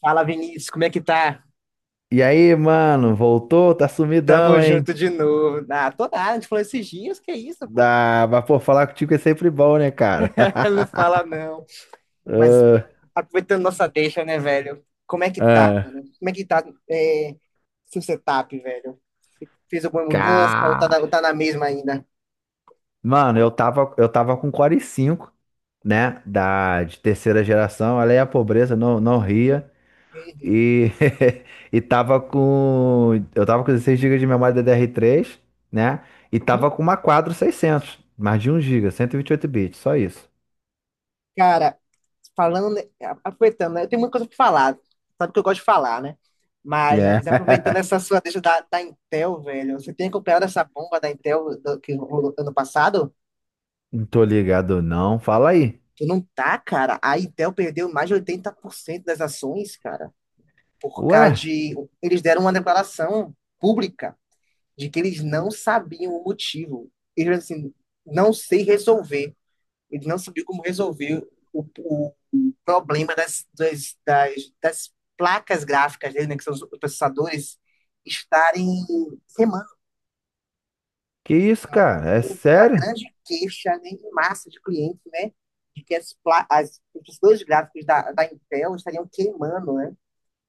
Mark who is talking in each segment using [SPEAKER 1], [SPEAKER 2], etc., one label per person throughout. [SPEAKER 1] Fala, Vinícius, como é que tá?
[SPEAKER 2] E aí, mano, voltou? Tá
[SPEAKER 1] Tamo
[SPEAKER 2] sumidão, hein?
[SPEAKER 1] junto de novo. Ah, tô nada, a gente falou esses dias, que isso, pô?
[SPEAKER 2] Dá, mas pô, falar contigo é sempre bom, né, cara?
[SPEAKER 1] Não fala não. Mas
[SPEAKER 2] Ah,
[SPEAKER 1] aproveitando nossa deixa, né, velho? Como é que tá,
[SPEAKER 2] ah.
[SPEAKER 1] mano? Como é que tá é, seu setup, velho? Fez alguma mudança ou
[SPEAKER 2] Cá.
[SPEAKER 1] tá na mesma ainda?
[SPEAKER 2] Mano, eu tava com Core i5, né? De terceira geração. Olha aí a pobreza, não, não ria.
[SPEAKER 1] Uhum.
[SPEAKER 2] E, e tava com. Eu tava com 16 gigas de memória DDR3, né? E
[SPEAKER 1] E,
[SPEAKER 2] tava com uma Quadro 600, mais de um giga, 128 bits, só isso.
[SPEAKER 1] cara, falando, né, aproveitando, né, eu tenho muita coisa pra falar. Sabe que eu gosto de falar, né?
[SPEAKER 2] Yeah.
[SPEAKER 1] Mas aproveitando essa sua deixa da Intel, velho, você tem acompanhado essa bomba da Intel que rolou ano passado?
[SPEAKER 2] Não tô ligado, não. Fala aí.
[SPEAKER 1] Tu não tá, cara. A Intel perdeu mais de 80% das ações, cara, por causa
[SPEAKER 2] Ué?
[SPEAKER 1] de. Eles deram uma declaração pública de que eles não sabiam o motivo. Eles assim, não sei resolver. Eles não sabiam como resolver o problema das placas gráficas dele, né, que são os processadores, estarem.
[SPEAKER 2] Que isso,
[SPEAKER 1] Então,
[SPEAKER 2] cara? É
[SPEAKER 1] uma
[SPEAKER 2] sério?
[SPEAKER 1] grande queixa né, em massa de clientes, né? De que os dois gráficos da Intel estariam queimando, né?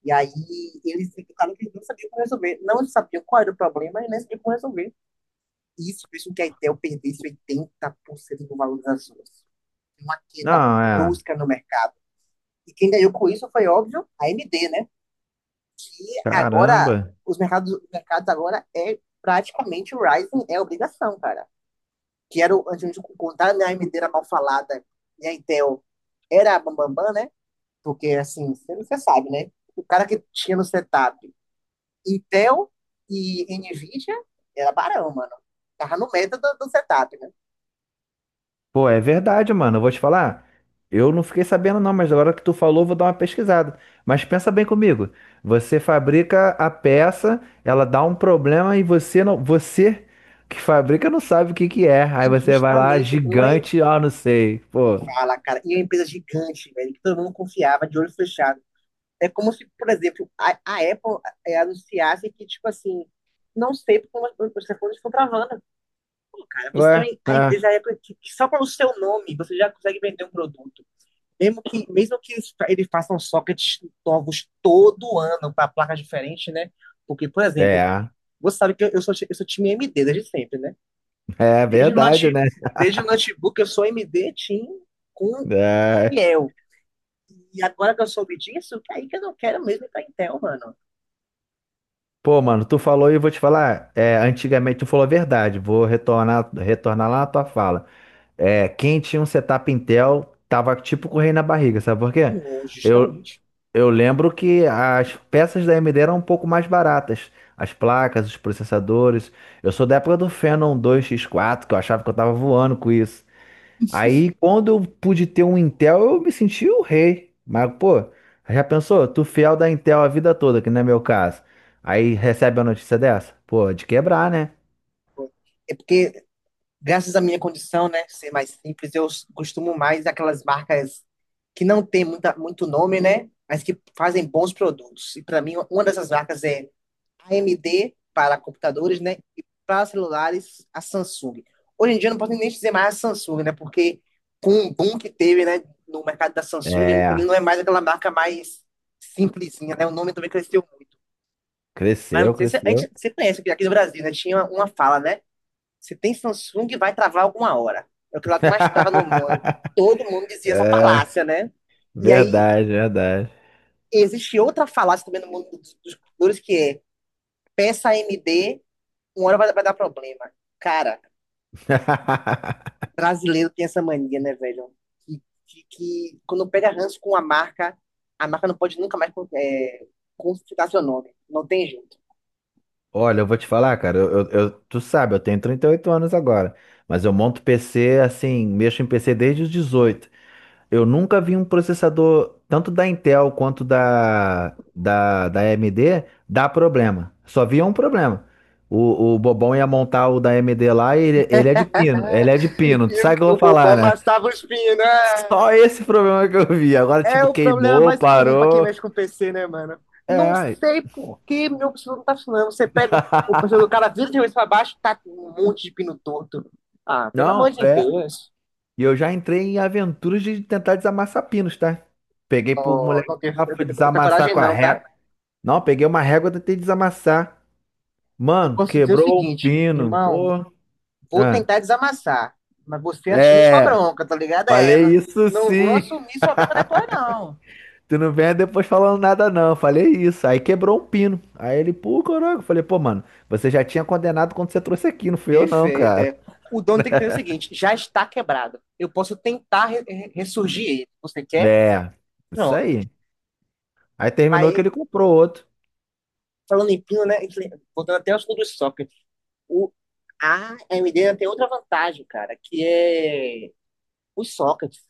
[SPEAKER 1] E aí eles ficaram que não sabiam como resolver. Não sabiam qual era o problema e nem sabiam como resolver. Isso fez com que a Intel perdesse 80% do valor das ações. Uma queda
[SPEAKER 2] Não, é.
[SPEAKER 1] brusca no mercado. E quem ganhou com isso foi, óbvio, a AMD, né? Que agora,
[SPEAKER 2] Caramba.
[SPEAKER 1] os mercados agora é praticamente o Ryzen é obrigação, cara. Que era a gente contar né, a AMD era mal falada e a Intel era a bambambam, né? Porque, assim, você sabe, né? O cara que tinha no setup Intel e NVIDIA era barão, mano. Tava no meta do setup, né?
[SPEAKER 2] Pô, é verdade, mano. Eu vou te falar. Eu não fiquei sabendo, não, mas agora que tu falou, eu vou dar uma pesquisada. Mas pensa bem comigo. Você fabrica a peça, ela dá um problema e você não. Você que fabrica não sabe o que que é. Aí
[SPEAKER 1] E
[SPEAKER 2] você vai lá,
[SPEAKER 1] justamente uma
[SPEAKER 2] gigante, ó, não sei. Pô.
[SPEAKER 1] fala, cara, e é uma empresa gigante, velho, que todo mundo confiava, de olho fechado. É como se, por exemplo, a Apple anunciasse que, tipo assim, não sei porque os telefones estão travando. Pô, cara, você
[SPEAKER 2] Ué?
[SPEAKER 1] tem a
[SPEAKER 2] É.
[SPEAKER 1] empresa é que só pelo seu nome você já consegue vender um produto. Mesmo que eles, eles façam sockets novos todo ano para placas diferentes, né? Porque, por exemplo,
[SPEAKER 2] É.
[SPEAKER 1] você sabe que eu sou time A M d desde sempre, né?
[SPEAKER 2] É
[SPEAKER 1] Desde o,
[SPEAKER 2] verdade,
[SPEAKER 1] note,
[SPEAKER 2] né?
[SPEAKER 1] desde o notebook eu sou A M d Team com
[SPEAKER 2] É.
[SPEAKER 1] fiel. E agora que eu soube disso, que aí que eu não quero mesmo ir para Intel, mano.
[SPEAKER 2] Pô, mano, tu falou e eu vou te falar. É, antigamente tu falou a verdade. Vou retornar, retornar lá na tua fala. É, quem tinha um setup Intel tava tipo com o rei na barriga, sabe por quê?
[SPEAKER 1] Não,
[SPEAKER 2] Eu,
[SPEAKER 1] justamente.
[SPEAKER 2] eu lembro que as peças da AMD eram um pouco mais baratas. As placas, os processadores. Eu sou da época do Phenom dois x quatro, que eu achava que eu tava voando com isso. Aí, quando eu pude ter um Intel, eu me senti o rei. Mas, pô, já pensou? Tu fiel da Intel a vida toda, que não é meu caso. Aí recebe a notícia dessa? Pô, de quebrar, né?
[SPEAKER 1] É porque graças à minha condição, né, ser mais simples, eu costumo mais aquelas marcas que não tem muita, muito nome, né, mas que fazem bons produtos. E para mim, uma dessas marcas é a AMD para computadores, né, e para celulares, a Samsung. Hoje em dia eu não posso nem dizer mais a Samsung, né, porque com o boom que teve, né, no mercado da Samsung, ele
[SPEAKER 2] É,
[SPEAKER 1] não é mais aquela marca mais simplesinha, né, o nome também cresceu muito. Mas
[SPEAKER 2] cresceu,
[SPEAKER 1] não sei se a gente,
[SPEAKER 2] cresceu.
[SPEAKER 1] você conhece, porque aqui no Brasil, né, tinha uma fala, né, se tem Samsung, vai travar alguma hora. É o que lá que mais trava no mundo. Todo mundo dizia essa
[SPEAKER 2] É,
[SPEAKER 1] falácia, né? E aí
[SPEAKER 2] verdade, verdade.
[SPEAKER 1] existe outra falácia também no mundo dos computadores que é peça AMD, uma hora vai dar problema. Cara, brasileiro tem essa mania, né, velho? Que quando pega ranço com a marca não pode nunca mais consultar seu nome. Não tem jeito.
[SPEAKER 2] Olha, eu vou te falar, cara, tu sabe, eu tenho 38 anos agora, mas eu monto PC assim, mexo em PC desde os 18. Eu nunca vi um processador, tanto da Intel quanto da AMD, dar problema. Só via um problema. O Bobão ia montar o da AMD lá e ele é de pino. Ele é de pino.
[SPEAKER 1] E
[SPEAKER 2] Tu
[SPEAKER 1] o
[SPEAKER 2] sabe o que eu vou
[SPEAKER 1] o
[SPEAKER 2] falar,
[SPEAKER 1] Obama
[SPEAKER 2] né?
[SPEAKER 1] assava os pinos,
[SPEAKER 2] Só
[SPEAKER 1] né?
[SPEAKER 2] esse problema que eu vi. Agora,
[SPEAKER 1] É
[SPEAKER 2] tipo,
[SPEAKER 1] o problema
[SPEAKER 2] queimou,
[SPEAKER 1] mais comum para quem
[SPEAKER 2] parou.
[SPEAKER 1] mexe com PC, né, mano? Não
[SPEAKER 2] É.
[SPEAKER 1] sei por que meu computador não tá funcionando. Você pega o computador do cara, vira de cabeça pra baixo, tá com um monte de pino torto. Ah, pelo amor
[SPEAKER 2] Não,
[SPEAKER 1] de
[SPEAKER 2] é.
[SPEAKER 1] Deus.
[SPEAKER 2] E eu já entrei em aventuras de tentar desamassar pinos, tá? Peguei pro
[SPEAKER 1] Ó,
[SPEAKER 2] moleque
[SPEAKER 1] não tenho
[SPEAKER 2] lá,
[SPEAKER 1] essa
[SPEAKER 2] fui
[SPEAKER 1] essa
[SPEAKER 2] desamassar
[SPEAKER 1] coragem
[SPEAKER 2] com a
[SPEAKER 1] não, tá?
[SPEAKER 2] régua. Não, peguei uma régua e tentei desamassar.
[SPEAKER 1] Eu
[SPEAKER 2] Mano,
[SPEAKER 1] posso dizer o
[SPEAKER 2] quebrou o
[SPEAKER 1] seguinte,
[SPEAKER 2] pino.
[SPEAKER 1] irmão,
[SPEAKER 2] Pô.
[SPEAKER 1] vou
[SPEAKER 2] Ah,
[SPEAKER 1] tentar desamassar, mas você assume sua
[SPEAKER 2] é,
[SPEAKER 1] bronca, tá ligado? É,
[SPEAKER 2] falei
[SPEAKER 1] não,
[SPEAKER 2] isso
[SPEAKER 1] não vou
[SPEAKER 2] sim.
[SPEAKER 1] assumir sua bronca depois, não.
[SPEAKER 2] Tu não venha depois falando nada, não. Falei isso. Aí quebrou um pino. Aí ele, pô, caraca. Eu falei, pô, mano, você já tinha condenado quando você trouxe aqui, não fui eu, não,
[SPEAKER 1] Perfeito,
[SPEAKER 2] cara.
[SPEAKER 1] é. O dono tem que entender o seguinte, já está quebrado. Eu posso tentar ressurgir ele. Você quer?
[SPEAKER 2] É, isso
[SPEAKER 1] Pronto.
[SPEAKER 2] aí. Aí terminou que
[SPEAKER 1] Mas,
[SPEAKER 2] ele comprou outro.
[SPEAKER 1] falando em pino, né? Voltando até aos do socket. O, a AMD ainda tem outra vantagem, cara, que é os sockets.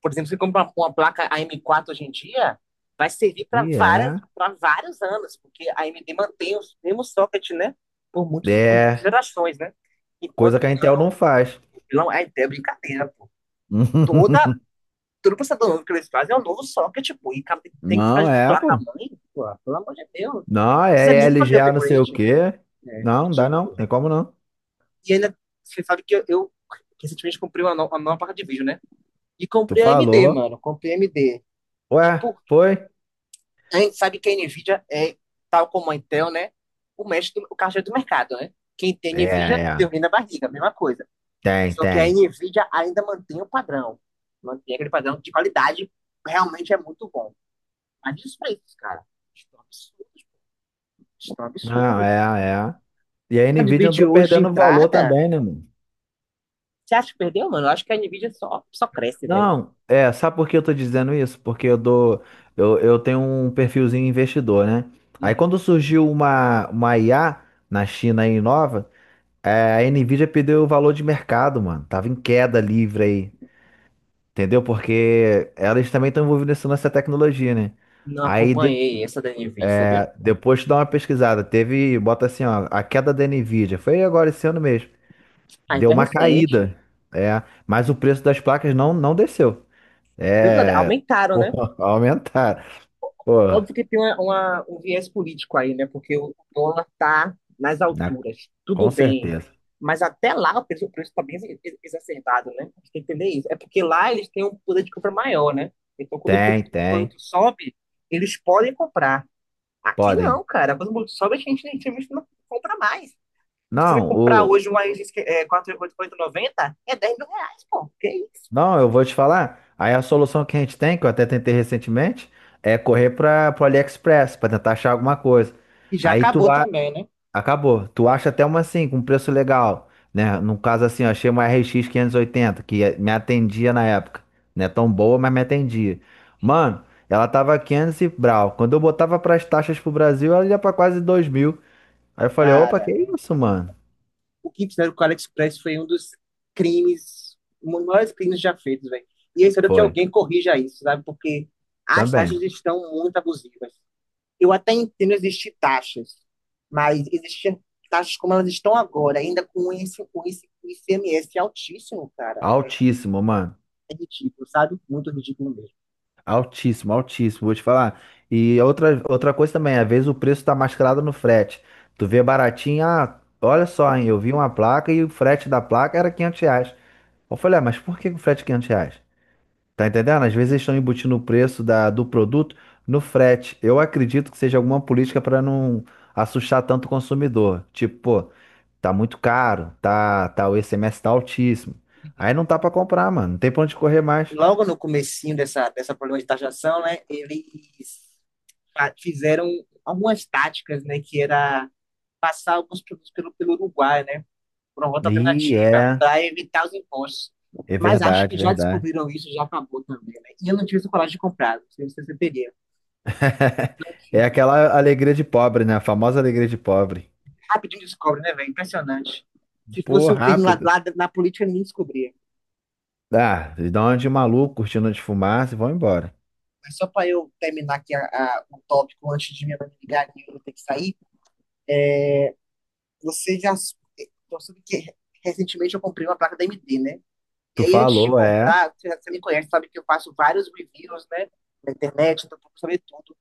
[SPEAKER 1] Por exemplo, você compra uma placa AM4 hoje em dia, vai servir para
[SPEAKER 2] E
[SPEAKER 1] várias
[SPEAKER 2] é,
[SPEAKER 1] para vários anos, porque a AMD mantém os mesmos socket, né? Por muitas
[SPEAKER 2] é,
[SPEAKER 1] gerações, né?
[SPEAKER 2] coisa
[SPEAKER 1] Enquanto
[SPEAKER 2] que a Intel não faz.
[SPEAKER 1] não, é brincadeira, pô. Toda todo processador novo que eles fazem é um novo socket, pô. E cara, tem que ficar
[SPEAKER 2] Não,
[SPEAKER 1] de
[SPEAKER 2] é,
[SPEAKER 1] placa
[SPEAKER 2] pô.
[SPEAKER 1] mãe, pô. Pelo amor de Deus.
[SPEAKER 2] Não, é
[SPEAKER 1] Desanime fazer
[SPEAKER 2] LGA não sei o
[SPEAKER 1] upgrade.
[SPEAKER 2] quê.
[SPEAKER 1] É,
[SPEAKER 2] Não, não dá não.
[SPEAKER 1] ridículo.
[SPEAKER 2] Tem como não.
[SPEAKER 1] E ainda, você sabe que eu recentemente comprei uma, no- uma nova placa de vídeo, né? E
[SPEAKER 2] Tu
[SPEAKER 1] comprei a AMD,
[SPEAKER 2] falou.
[SPEAKER 1] mano. Comprei a AMD.
[SPEAKER 2] Ué,
[SPEAKER 1] Por quê?
[SPEAKER 2] foi?
[SPEAKER 1] A gente sabe que a NVIDIA é, tal como a Intel, né? O mestre, o caixa do mercado, né? Quem tem
[SPEAKER 2] É,
[SPEAKER 1] NVIDIA,
[SPEAKER 2] é.
[SPEAKER 1] tem na barriga, a mesma coisa.
[SPEAKER 2] Tem,
[SPEAKER 1] Só que a
[SPEAKER 2] tem.
[SPEAKER 1] NVIDIA ainda mantém o padrão. Mantém aquele padrão de qualidade. Realmente é muito bom. Mas e os preços, cara? Estão absurdos. Estão
[SPEAKER 2] Não,
[SPEAKER 1] absurdos.
[SPEAKER 2] é, é. E a
[SPEAKER 1] A de
[SPEAKER 2] Nvidia andou
[SPEAKER 1] vídeo hoje de
[SPEAKER 2] perdendo valor
[SPEAKER 1] entrada,
[SPEAKER 2] também, né, mano?
[SPEAKER 1] você acha que perdeu, mano? Eu acho que a NVIDIA só cresce, velho.
[SPEAKER 2] Não, é, sabe por que eu tô dizendo isso? Porque eu tenho um perfilzinho investidor, né? Aí
[SPEAKER 1] Uhum.
[SPEAKER 2] quando surgiu uma IA na China aí nova, é, a Nvidia perdeu o valor de mercado, mano. Tava em queda livre aí, entendeu? Porque elas também estão envolvidas nessa tecnologia, né?
[SPEAKER 1] Não
[SPEAKER 2] Aí deu,
[SPEAKER 1] acompanhei essa da NVIDIA, sabia?
[SPEAKER 2] é, depois tu dá uma pesquisada, teve, bota assim, ó, a queda da Nvidia, foi agora esse ano mesmo.
[SPEAKER 1] Ah,
[SPEAKER 2] Deu
[SPEAKER 1] então é
[SPEAKER 2] uma
[SPEAKER 1] recente.
[SPEAKER 2] caída. É, mas o preço das placas não, não desceu.
[SPEAKER 1] Mesmo nada,
[SPEAKER 2] É,
[SPEAKER 1] aumentaram,
[SPEAKER 2] pô,
[SPEAKER 1] né?
[SPEAKER 2] aumentaram. Pô,
[SPEAKER 1] Óbvio que tem um viés político aí, né? Porque o dólar tá nas
[SPEAKER 2] na-
[SPEAKER 1] alturas. Tudo
[SPEAKER 2] com
[SPEAKER 1] bem.
[SPEAKER 2] certeza.
[SPEAKER 1] Mas até lá o preço, tá bem exacerbado, né? A gente tem que entender isso. É porque lá eles têm um poder de compra maior, né? Então, quando o
[SPEAKER 2] Tem,
[SPEAKER 1] produto,
[SPEAKER 2] tem.
[SPEAKER 1] sobe, eles podem comprar. Aqui
[SPEAKER 2] Podem.
[SPEAKER 1] não, cara. Quando o produto sobe, a gente não compra mais. Se você
[SPEAKER 2] Não,
[SPEAKER 1] comprar hoje uma R$ 4.890, é 4.890, é R$ 10.000, pô. Que isso?
[SPEAKER 2] não, eu vou te falar. Aí a solução que a gente tem, que eu até tentei recentemente, é correr para o AliExpress para tentar achar alguma coisa.
[SPEAKER 1] E já
[SPEAKER 2] Aí tu
[SPEAKER 1] acabou
[SPEAKER 2] vai.
[SPEAKER 1] também, né?
[SPEAKER 2] Acabou. Tu acha até uma assim, com preço legal, né? No caso assim, eu achei uma RX oitenta que me atendia na época. Não é tão boa, mas me atendia. Mano, ela tava 500 e brau. Quando eu botava pras taxas pro Brasil, ela ia pra quase 2.000. Aí eu falei, opa, que
[SPEAKER 1] Cara,
[SPEAKER 2] isso, mano?
[SPEAKER 1] o que fizeram com o AliExpress foi um dos crimes, um dos maiores crimes já feitos, velho. E eu espero que
[SPEAKER 2] Foi,
[SPEAKER 1] alguém corrija isso, sabe? Porque as taxas
[SPEAKER 2] também.
[SPEAKER 1] estão muito abusivas. Eu até entendo existir taxas, mas existir taxas como elas estão agora, ainda com esse, ICMS altíssimo, cara,
[SPEAKER 2] Altíssimo, mano.
[SPEAKER 1] é ridículo, sabe? Muito ridículo mesmo.
[SPEAKER 2] Altíssimo, altíssimo, vou te falar. E outra coisa também, às vezes o preço tá mascarado no frete. Tu vê baratinho, ah, olha só, hein, eu vi uma placa e o frete da placa era R$ 500. Eu falei, ah, mas por que o frete é R$ 500? Tá entendendo? Às vezes eles estão embutindo o preço do produto no frete. Eu acredito que seja alguma política para não assustar tanto o consumidor. Tipo, pô, tá muito caro, tá, tá, o ICMS tá altíssimo. Aí não tá para comprar, mano, não tem pra onde correr mais.
[SPEAKER 1] Logo no comecinho dessa, problema de taxação, né, eles fizeram algumas táticas, né, que era passar alguns produtos pelo, Uruguai, né, por uma rota
[SPEAKER 2] E
[SPEAKER 1] alternativa,
[SPEAKER 2] é.
[SPEAKER 1] para evitar os impostos.
[SPEAKER 2] É
[SPEAKER 1] Mas acho que
[SPEAKER 2] verdade,
[SPEAKER 1] já
[SPEAKER 2] verdade.
[SPEAKER 1] descobriram isso, já acabou também, né? E eu não tive essa coragem de comprar, não sei se você teria. Não
[SPEAKER 2] É
[SPEAKER 1] tive.
[SPEAKER 2] aquela alegria de pobre, né? A famosa alegria de pobre.
[SPEAKER 1] Rapidinho descobre, né, velho? Impressionante. Se
[SPEAKER 2] Pô,
[SPEAKER 1] fosse um crime lá,
[SPEAKER 2] rápido.
[SPEAKER 1] na política, ninguém descobria.
[SPEAKER 2] Ah, eles dão uma de maluco, cortina de fumaça e vão embora.
[SPEAKER 1] Mas só para eu terminar aqui o tópico antes de minha mãe me ligar e eu ter que sair, você já então, sabe que recentemente eu comprei uma placa da AMD, né? E
[SPEAKER 2] Tu
[SPEAKER 1] aí, antes de
[SPEAKER 2] falou, é,
[SPEAKER 1] comprar, você me conhece, sabe que eu faço vários reviews, né? Na internet, então procuro saber tudo.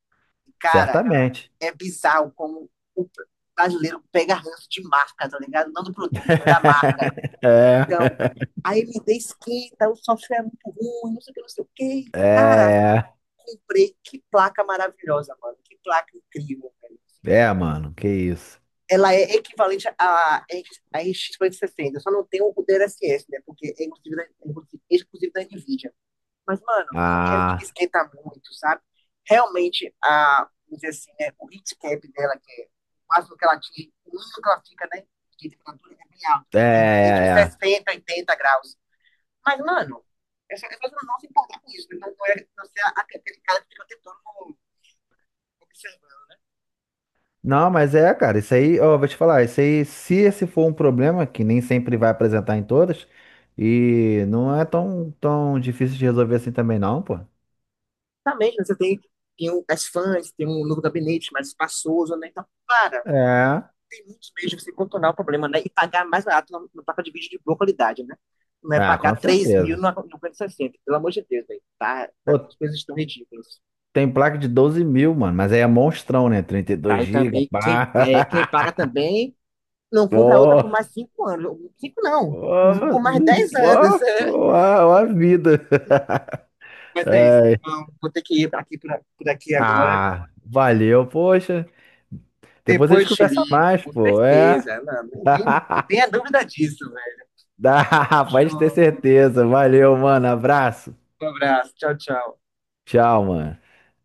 [SPEAKER 1] E, cara,
[SPEAKER 2] certamente.
[SPEAKER 1] é bizarro como o brasileiro pega ranço de marca, tá ligado? Não do produto, mas da marca.
[SPEAKER 2] É,
[SPEAKER 1] Então, a MD esquenta, o software é muito ruim, não sei o que, não sei o que. Cara,
[SPEAKER 2] é, é,
[SPEAKER 1] comprei. Que placa maravilhosa, mano. Que placa incrível, velho.
[SPEAKER 2] é, mano, que isso.
[SPEAKER 1] Ela é equivalente à RX 560. Só não tem o DLSS, né? Porque é exclusivo da NVIDIA. Mas, mano, não quero que me
[SPEAKER 2] Ah,
[SPEAKER 1] esquenta muito, sabe? Realmente, vamos dizer assim, né, o heat cap dela, que é o máximo que ela atinge, o mínimo que ela fica, né? De temperatura é bem alta,
[SPEAKER 2] é,
[SPEAKER 1] né, que é entre
[SPEAKER 2] é,
[SPEAKER 1] os
[SPEAKER 2] é.
[SPEAKER 1] 60 e 80 graus. Mas, mano, eu só não se importar com isso. Então, não é você é aquele cara que fica o tempo todo observando.
[SPEAKER 2] Não, mas é, cara, isso aí, ó, vou te falar, isso aí, se esse for um problema, que nem sempre vai apresentar em todas, e não é tão, tão difícil de resolver assim também, não, pô.
[SPEAKER 1] Também, né, você tem, as fãs, tem um novo gabinete mais espaçoso, né? Então, para.
[SPEAKER 2] É.
[SPEAKER 1] Tem muitos meios de você contornar o problema, né? E pagar mais barato placa de vídeo de boa qualidade, né? Não é
[SPEAKER 2] Ah,
[SPEAKER 1] pagar
[SPEAKER 2] com
[SPEAKER 1] 3.000
[SPEAKER 2] certeza.
[SPEAKER 1] no 5060, pelo amor de Deus, velho. Tá, tá,
[SPEAKER 2] Pô,
[SPEAKER 1] as coisas estão ridículas.
[SPEAKER 2] tem placa de 12.000, mano, mas aí é monstrão, né? 32
[SPEAKER 1] Tá, e
[SPEAKER 2] GB,
[SPEAKER 1] também,
[SPEAKER 2] pá.
[SPEAKER 1] quem paga também não compra outra
[SPEAKER 2] Pô,
[SPEAKER 1] por mais 5 anos. Cinco não,
[SPEAKER 2] pô,
[SPEAKER 1] por mais 10 anos.
[SPEAKER 2] pô, pô, a vida.
[SPEAKER 1] É. Mas é isso,
[SPEAKER 2] Ai.
[SPEAKER 1] não, vou ter que ir pra aqui, por aqui agora.
[SPEAKER 2] Ah, valeu, poxa. Depois a
[SPEAKER 1] Depois
[SPEAKER 2] gente
[SPEAKER 1] te
[SPEAKER 2] conversa
[SPEAKER 1] ligo,
[SPEAKER 2] mais,
[SPEAKER 1] com
[SPEAKER 2] pô, é.
[SPEAKER 1] certeza. Não, nem, nem, não tenha dúvida disso, velho.
[SPEAKER 2] Dá, pode ter certeza. Valeu, mano. Abraço.
[SPEAKER 1] Um abraço, tchau, tchau.
[SPEAKER 2] Tchau, mano.